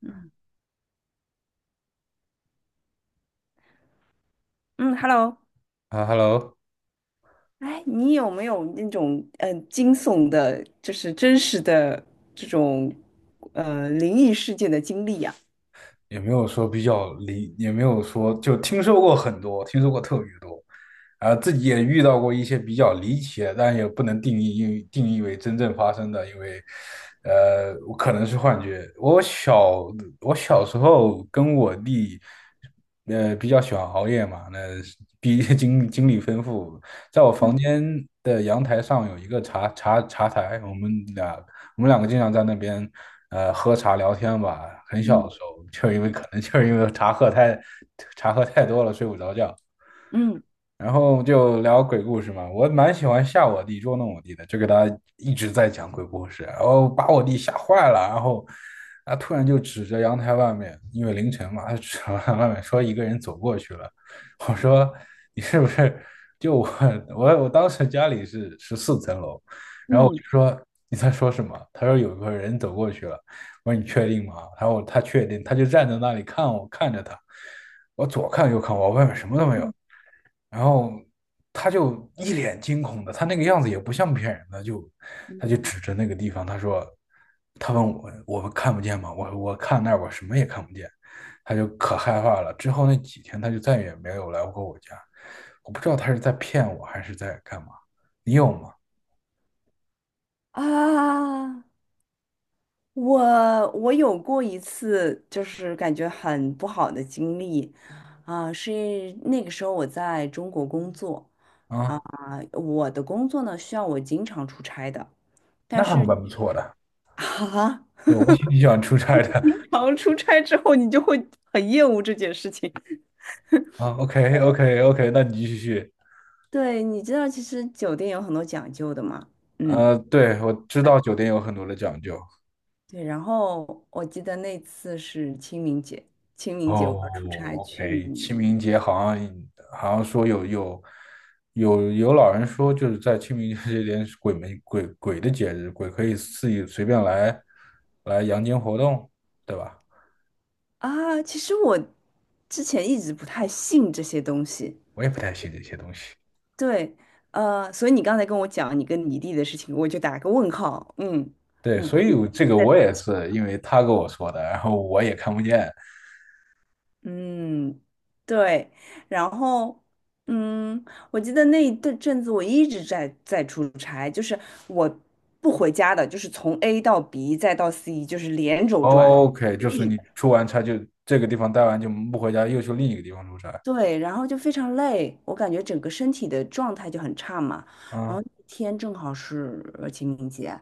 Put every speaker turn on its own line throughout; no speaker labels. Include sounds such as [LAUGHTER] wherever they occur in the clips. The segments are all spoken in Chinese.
嗯嗯，Hello，
啊，Hello。
哎，你有没有那种惊悚的，就是真实的这种灵异事件的经历呀？
也没有说就听说过很多，听说过特别多。啊，自己也遇到过一些比较离奇的，但也不能定义因为定义为真正发生的，因为，我可能是幻觉。我小时候跟我弟，比较喜欢熬夜嘛，那毕竟经历丰富，在我房
嗯
间的阳台上有一个茶台，我们两个经常在那边喝茶聊天吧。很小的
嗯
时候，就是因为可能就是因为茶喝太多了，睡不着觉。
嗯
然后就聊鬼故事嘛，我蛮喜欢吓我弟、捉弄我弟的，就给他一直在讲鬼故事，然后把我弟吓坏了，然后他突然就指着阳台外面，因为凌晨嘛，他指着阳台外面说一个人走过去了。我说你是不是就我当时家里是14层楼，然后我就
嗯
说你在说什么？他说有个人走过去了。我说你确定吗？他说他确定，他就站在那里看我看着他，我左看右看我，外面什么都没有。
嗯
然后他就一脸惊恐的，他那个样子也不像骗人的，就他就
嗯。
指着那个地方，他说，他问我，我们看不见吗？我看那儿，我什么也看不见，他就可害怕了。之后那几天，他就再也没有来过我家。我不知道他是在骗我还是在干嘛。你有吗？
啊，我有过一次，就是感觉很不好的经历。啊，是那个时候我在中国工作。啊，
啊，
我的工作呢需要我经常出差的。
那还蛮不错的。
[LAUGHS] 啊，
对，我挺喜欢出差的。
经常出差之后，你就会很厌恶这件事情。[LAUGHS]
啊，OK OK OK，那你继续。
对，你知道，其实酒店有很多讲究的嘛。嗯，
对，我知
对
道酒店有很多的讲究。
对。然后我记得那次是清明节，清明节我要出差
哦
去。
，OK，清明节好像说有老人说，就是在清明节这天是鬼门的节日，鬼可以自己随便来阳间活动，对吧？
啊，其实我之前一直不太信这些东西。
我也不太信这些东西。
对，所以你刚才跟我讲你跟你弟的事情，我就打个问号。嗯，
对，
你
所以
你
我这个
在淘
我也是因为他跟我说的，然后我也看不见。
嗯，对，然后，嗯，我记得那一阵阵子我一直在出差，就是我不回家的，就是从 A 到 B 再到 C，就是连轴转，
OK，就
一
是
直
你
在
出完差就这个地方待完就不回家，又去另一个地方出差。
对，然后就非常累，我感觉整个身体的状态就很差嘛。然后
啊，
那天正好是清明节，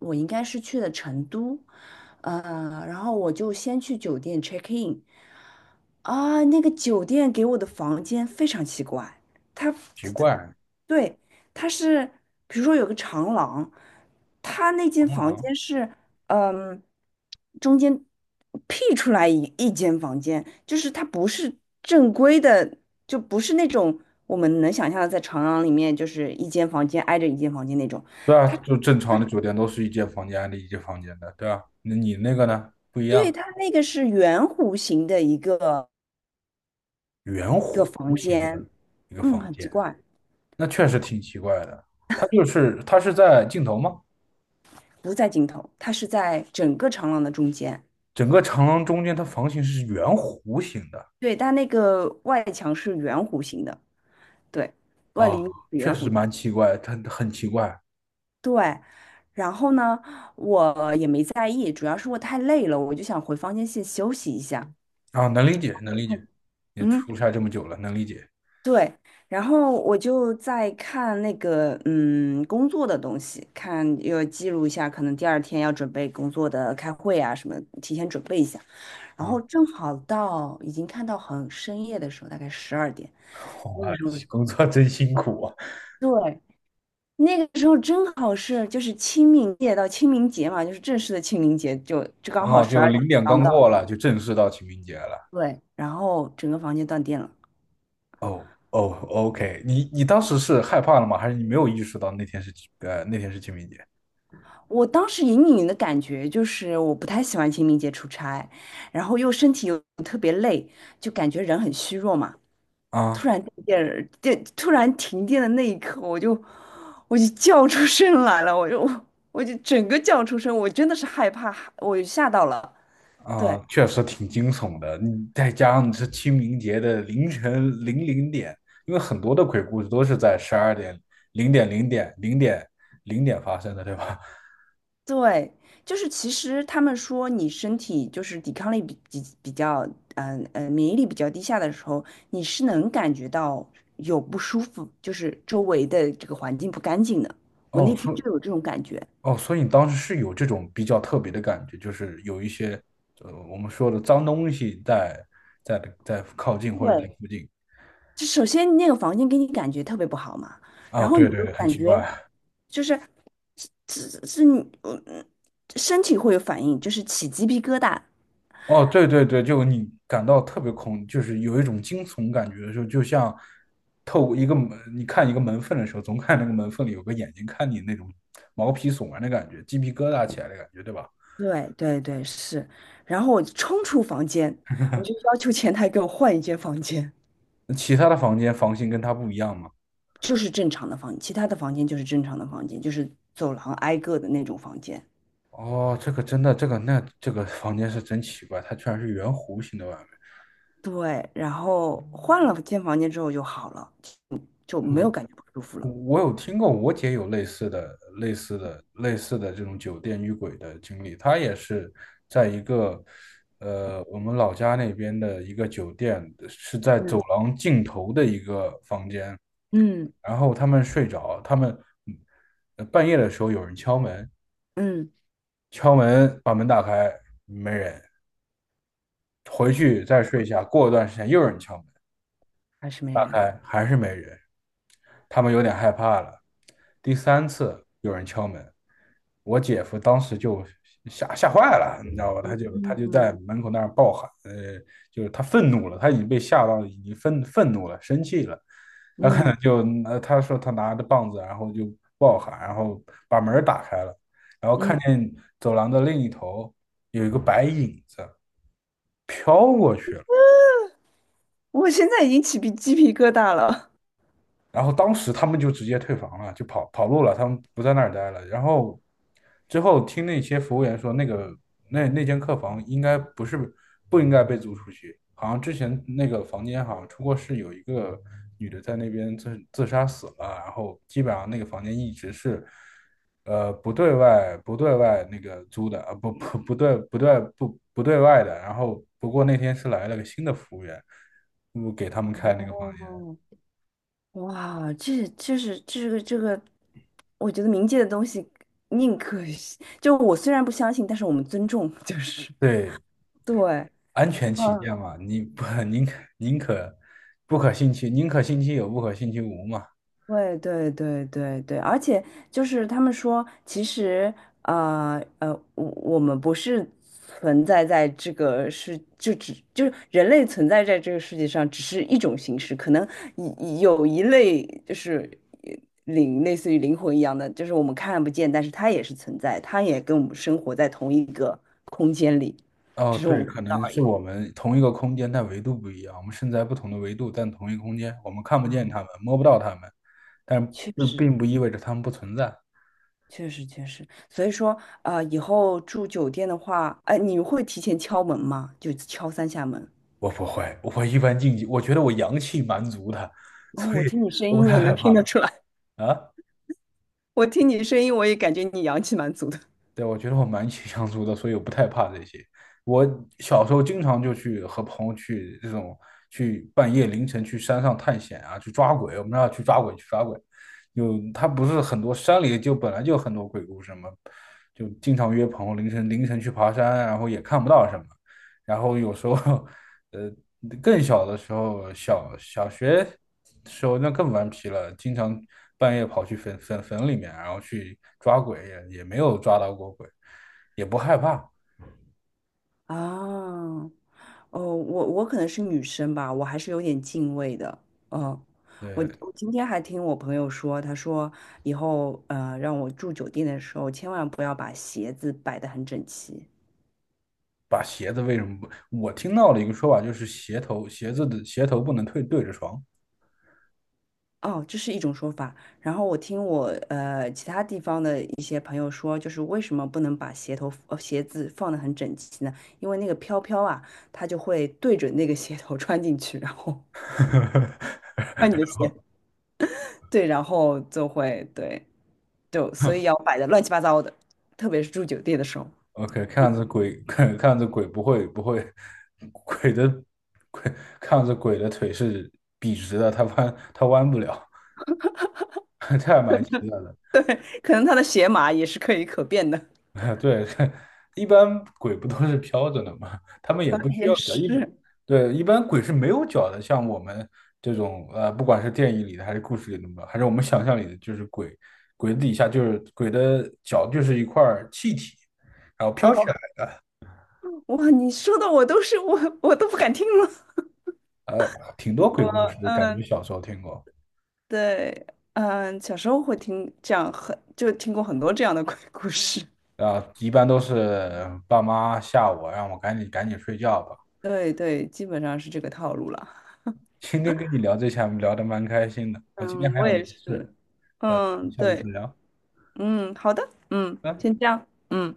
我应该是去的成都，然后我就先去酒店 check in。啊，那个酒店给我的房间非常奇怪。它，
奇
它
怪，
对，它是，比如说有个长廊，它那间
螳
房
螂。
间是，嗯，中间辟出来一间房间，就是它不是正规的，就不是那种我们能想象的在长廊里面就是一间房间挨着一间房间那种。
对啊，就正常的酒店都是一间房间的一间房间的，对啊。那你那个呢？不一
对，
样，
它那个是圆弧形的一个
圆
一个
弧
房
形
间，
的一个
嗯，
房
很奇
间。
怪。
那确实挺奇怪的。它是在尽头吗？
不在尽头，它是在整个长廊的中间。
整个长廊中间，它房型是圆弧形的。
对，但那个外墙是圆弧形的，对，外
啊，
立面是
确
圆
实
弧。
蛮奇怪，它很奇怪。
对，然后呢，我也没在意，主要是我太累了，我就想回房间先休息一下。
啊，能理解，能理解。你
嗯，
出差这么久了，能理解。
对，然后我就在看那个工作的东西，看要记录一下，可能第二天要准备工作的开会啊什么，提前准备一下。然后
啊。
正好到已经看到很深夜的时候，大概十二点，
[LAUGHS]
那个
哇，
时候，
工作真辛苦啊！
对，那个时候正好是就是清明节到清明节嘛，就是正式的清明节就，就刚好
啊，
十
就
二点
零点
刚
刚
到，
过了，就正式到清明节了。
对，然后整个房间断电了。
哦哦，OK，你当时是害怕了吗？还是你没有意识到那天是那天是清明节。
我当时隐隐的感觉就是我不太喜欢清明节出差，然后又身体又特别累，就感觉人很虚弱嘛。
啊
突然停电的那一刻，我就叫出声来了，我就整个叫出声，我真的是害怕，我吓到了。对
啊，确实挺惊悚的。你再加上是清明节的凌晨零点，因为很多的鬼故事都是在12点零点零点零点零点发生的，对吧？
对，就是其实他们说你身体就是抵抗力比较，免疫力比较低下的时候，你是能感觉到有不舒服，就是周围的这个环境不干净的。我
哦，
那天
所以
就有这种感觉。
哦，所以你当时是有这种比较特别的感觉，就是有一些我们说的脏东西在在靠近或者在
对，
附近。
就首先那个房间给你感觉特别不好嘛，
啊，
然后你
对对
就
对，很
感
奇
觉。
怪。
就是是你身体会有反应，就是起鸡皮疙瘩。
哦，对对对，就你感到特别恐，就是有一种惊悚感觉的时候，就像透过一个门，你看一个门缝的时候，总看那个门缝里有个眼睛看你那种毛皮悚然的感觉，鸡皮疙瘩起来的感觉，对吧？
对对对，是。然后我冲出房间，我就要求前台给我换一间房间，
那其他的房间房型跟它不一样吗？
就是正常的房间其他的房间就是正常的房间，就是走廊挨个的那种房间。
哦，这个真的，这个那这个房间是真奇怪，它居然是圆弧形的外面。
对，然后换了间房间之后就好了，就没有
嗯
感觉不舒服了。
我有听过，我姐有类似的、类似的、类似的这种酒店遇鬼的经历。她也是在一个，我们老家那边的一个酒店，是在走
嗯
廊尽头的一个房间。
嗯
然后他们睡着，他们嗯半夜的时候有人敲门，
嗯，
敲门把门打开，没人。回去再睡一下，过一段时间又有人敲门，
还是没
打
人。
开还是没人。他们有点害怕了。第三次有人敲门，我姐夫当时就吓坏了，你知道吧？
嗯
他就
嗯
在门口那儿暴喊，就是他愤怒了，他已经被吓到了，已经愤怒了，生气了。他可
嗯
能就他说他拿着棒子，然后就暴喊，然后把门打开了，然后
嗯，
看见走廊的另一头有一个白影子飘过去了。
我现在已经起鸡皮疙瘩了。
然后当时他们就直接退房了，就跑路了，他们不在那儿待了。然后之后听那些服务员说，那个那间客房应该不是不应该被租出去，好像之前那个房间好像出过事，有一个女的在那边自杀死了，然后基本上那个房间一直是。呃，不对外那个租的啊，不对外的。然后不过那天是来了个新的服务员，我给他们
[LAUGHS]
开那个房间。
哦，哇，这是这个，我觉得冥界的东西宁可信，就我虽然不相信，但是我们尊重。[LAUGHS] 就是
对，
对，
安全起
嗯，
见嘛，你不 [LAUGHS] 宁可不可信其宁可信其有，不可信其无嘛。
对对对对对，而且就是他们说，其实呃呃，我我们不是存在在这个世，就是人类存在在这个世界上，只是一种形式，可能有一类就是呃灵，类似于灵魂一样的，就是我们看不见，但是它也是存在，它也跟我们生活在同一个空间里，
哦，
只是我
对，
们看
可
不到
能
而
是
已。
我们同一个空间，但维度不一样。我们身在不同的维度，但同一个空间，我们看不见
啊，
他们，摸不到他们，但
确
并
实，
并不意味着他们不存在。
确实确实，所以说啊以后住酒店的话，哎，你会提前敲门吗？就敲3下门。
我不会，我一般禁忌，我觉得我阳气蛮足的，[LAUGHS]
哦，
所以
我听你声
我不
音
太
就
害
能
怕
听得出来，
啊。
我听你声音我也感觉你阳气蛮足的。
对，我觉得我蛮喜相处的，所以我不太怕这些。我小时候经常就去和朋友去这种去半夜凌晨去山上探险啊，去抓鬼。我们那去抓鬼，去抓鬼。就他不是很多山里就本来就很多鬼故事嘛，就经常约朋友凌晨去爬山，然后也看不到什么。然后有时候 [LAUGHS] 呃，更小的时候，小学时候那更顽皮了，经常半夜跑去坟里面，然后去抓鬼，也没有抓到过鬼，也不害怕。
啊，哦，我可能是女生吧，我还是有点敬畏的。嗯，我
对，
我今天还听我朋友说，他说以后让我住酒店的时候，千万不要把鞋子摆得很整齐。
把鞋子为什么不？我听到了一个说法，就是鞋子的鞋头不能对着床。
哦，这是一种说法。然后我听我其他地方的一些朋友说，就是为什么不能把鞋子放得很整齐呢？因为那个飘飘啊，它就会对准那个鞋头穿进去，然后穿你的鞋，
[LAUGHS]
对，然后就会对，就所以要摆的乱七八糟的，特别是住酒店的时候，
OK，看样子鬼 [LAUGHS] 看样子鬼不会不会，鬼的鬼看样子鬼的腿是笔直的，它弯不了。[LAUGHS] 这还蛮奇怪的。
可能他的鞋码也是可变的。
[LAUGHS] 对，[LAUGHS] 一般鬼不都是飘着的吗？他们也不
[LAUGHS]
需
也
要脚。
是
对，一般鬼是没有脚的，像我们这种，不管是电影里的还是故事里的，还是我们想象里的，就是鬼，鬼底下就是鬼的脚就是一块儿气体，然后飘起来。
哦，哇，你说的我都不敢听了。
呃，挺多
不
鬼
过，
故事的，感觉
嗯。
小时候听过。
对，嗯，小时候会听这样很，就听过很多这样的 [LAUGHS] 鬼故事。
啊，一般都是爸妈吓我，让我赶紧睡觉吧。
对对，基本上是这个套路了。
[LAUGHS] 今天跟你聊这些，聊得蛮开心的。我今天
嗯，
还
我
有
也
点
是。
事，呃，
嗯，
下次
对，
再聊。
嗯，好的，嗯，
拜拜
先这样，嗯。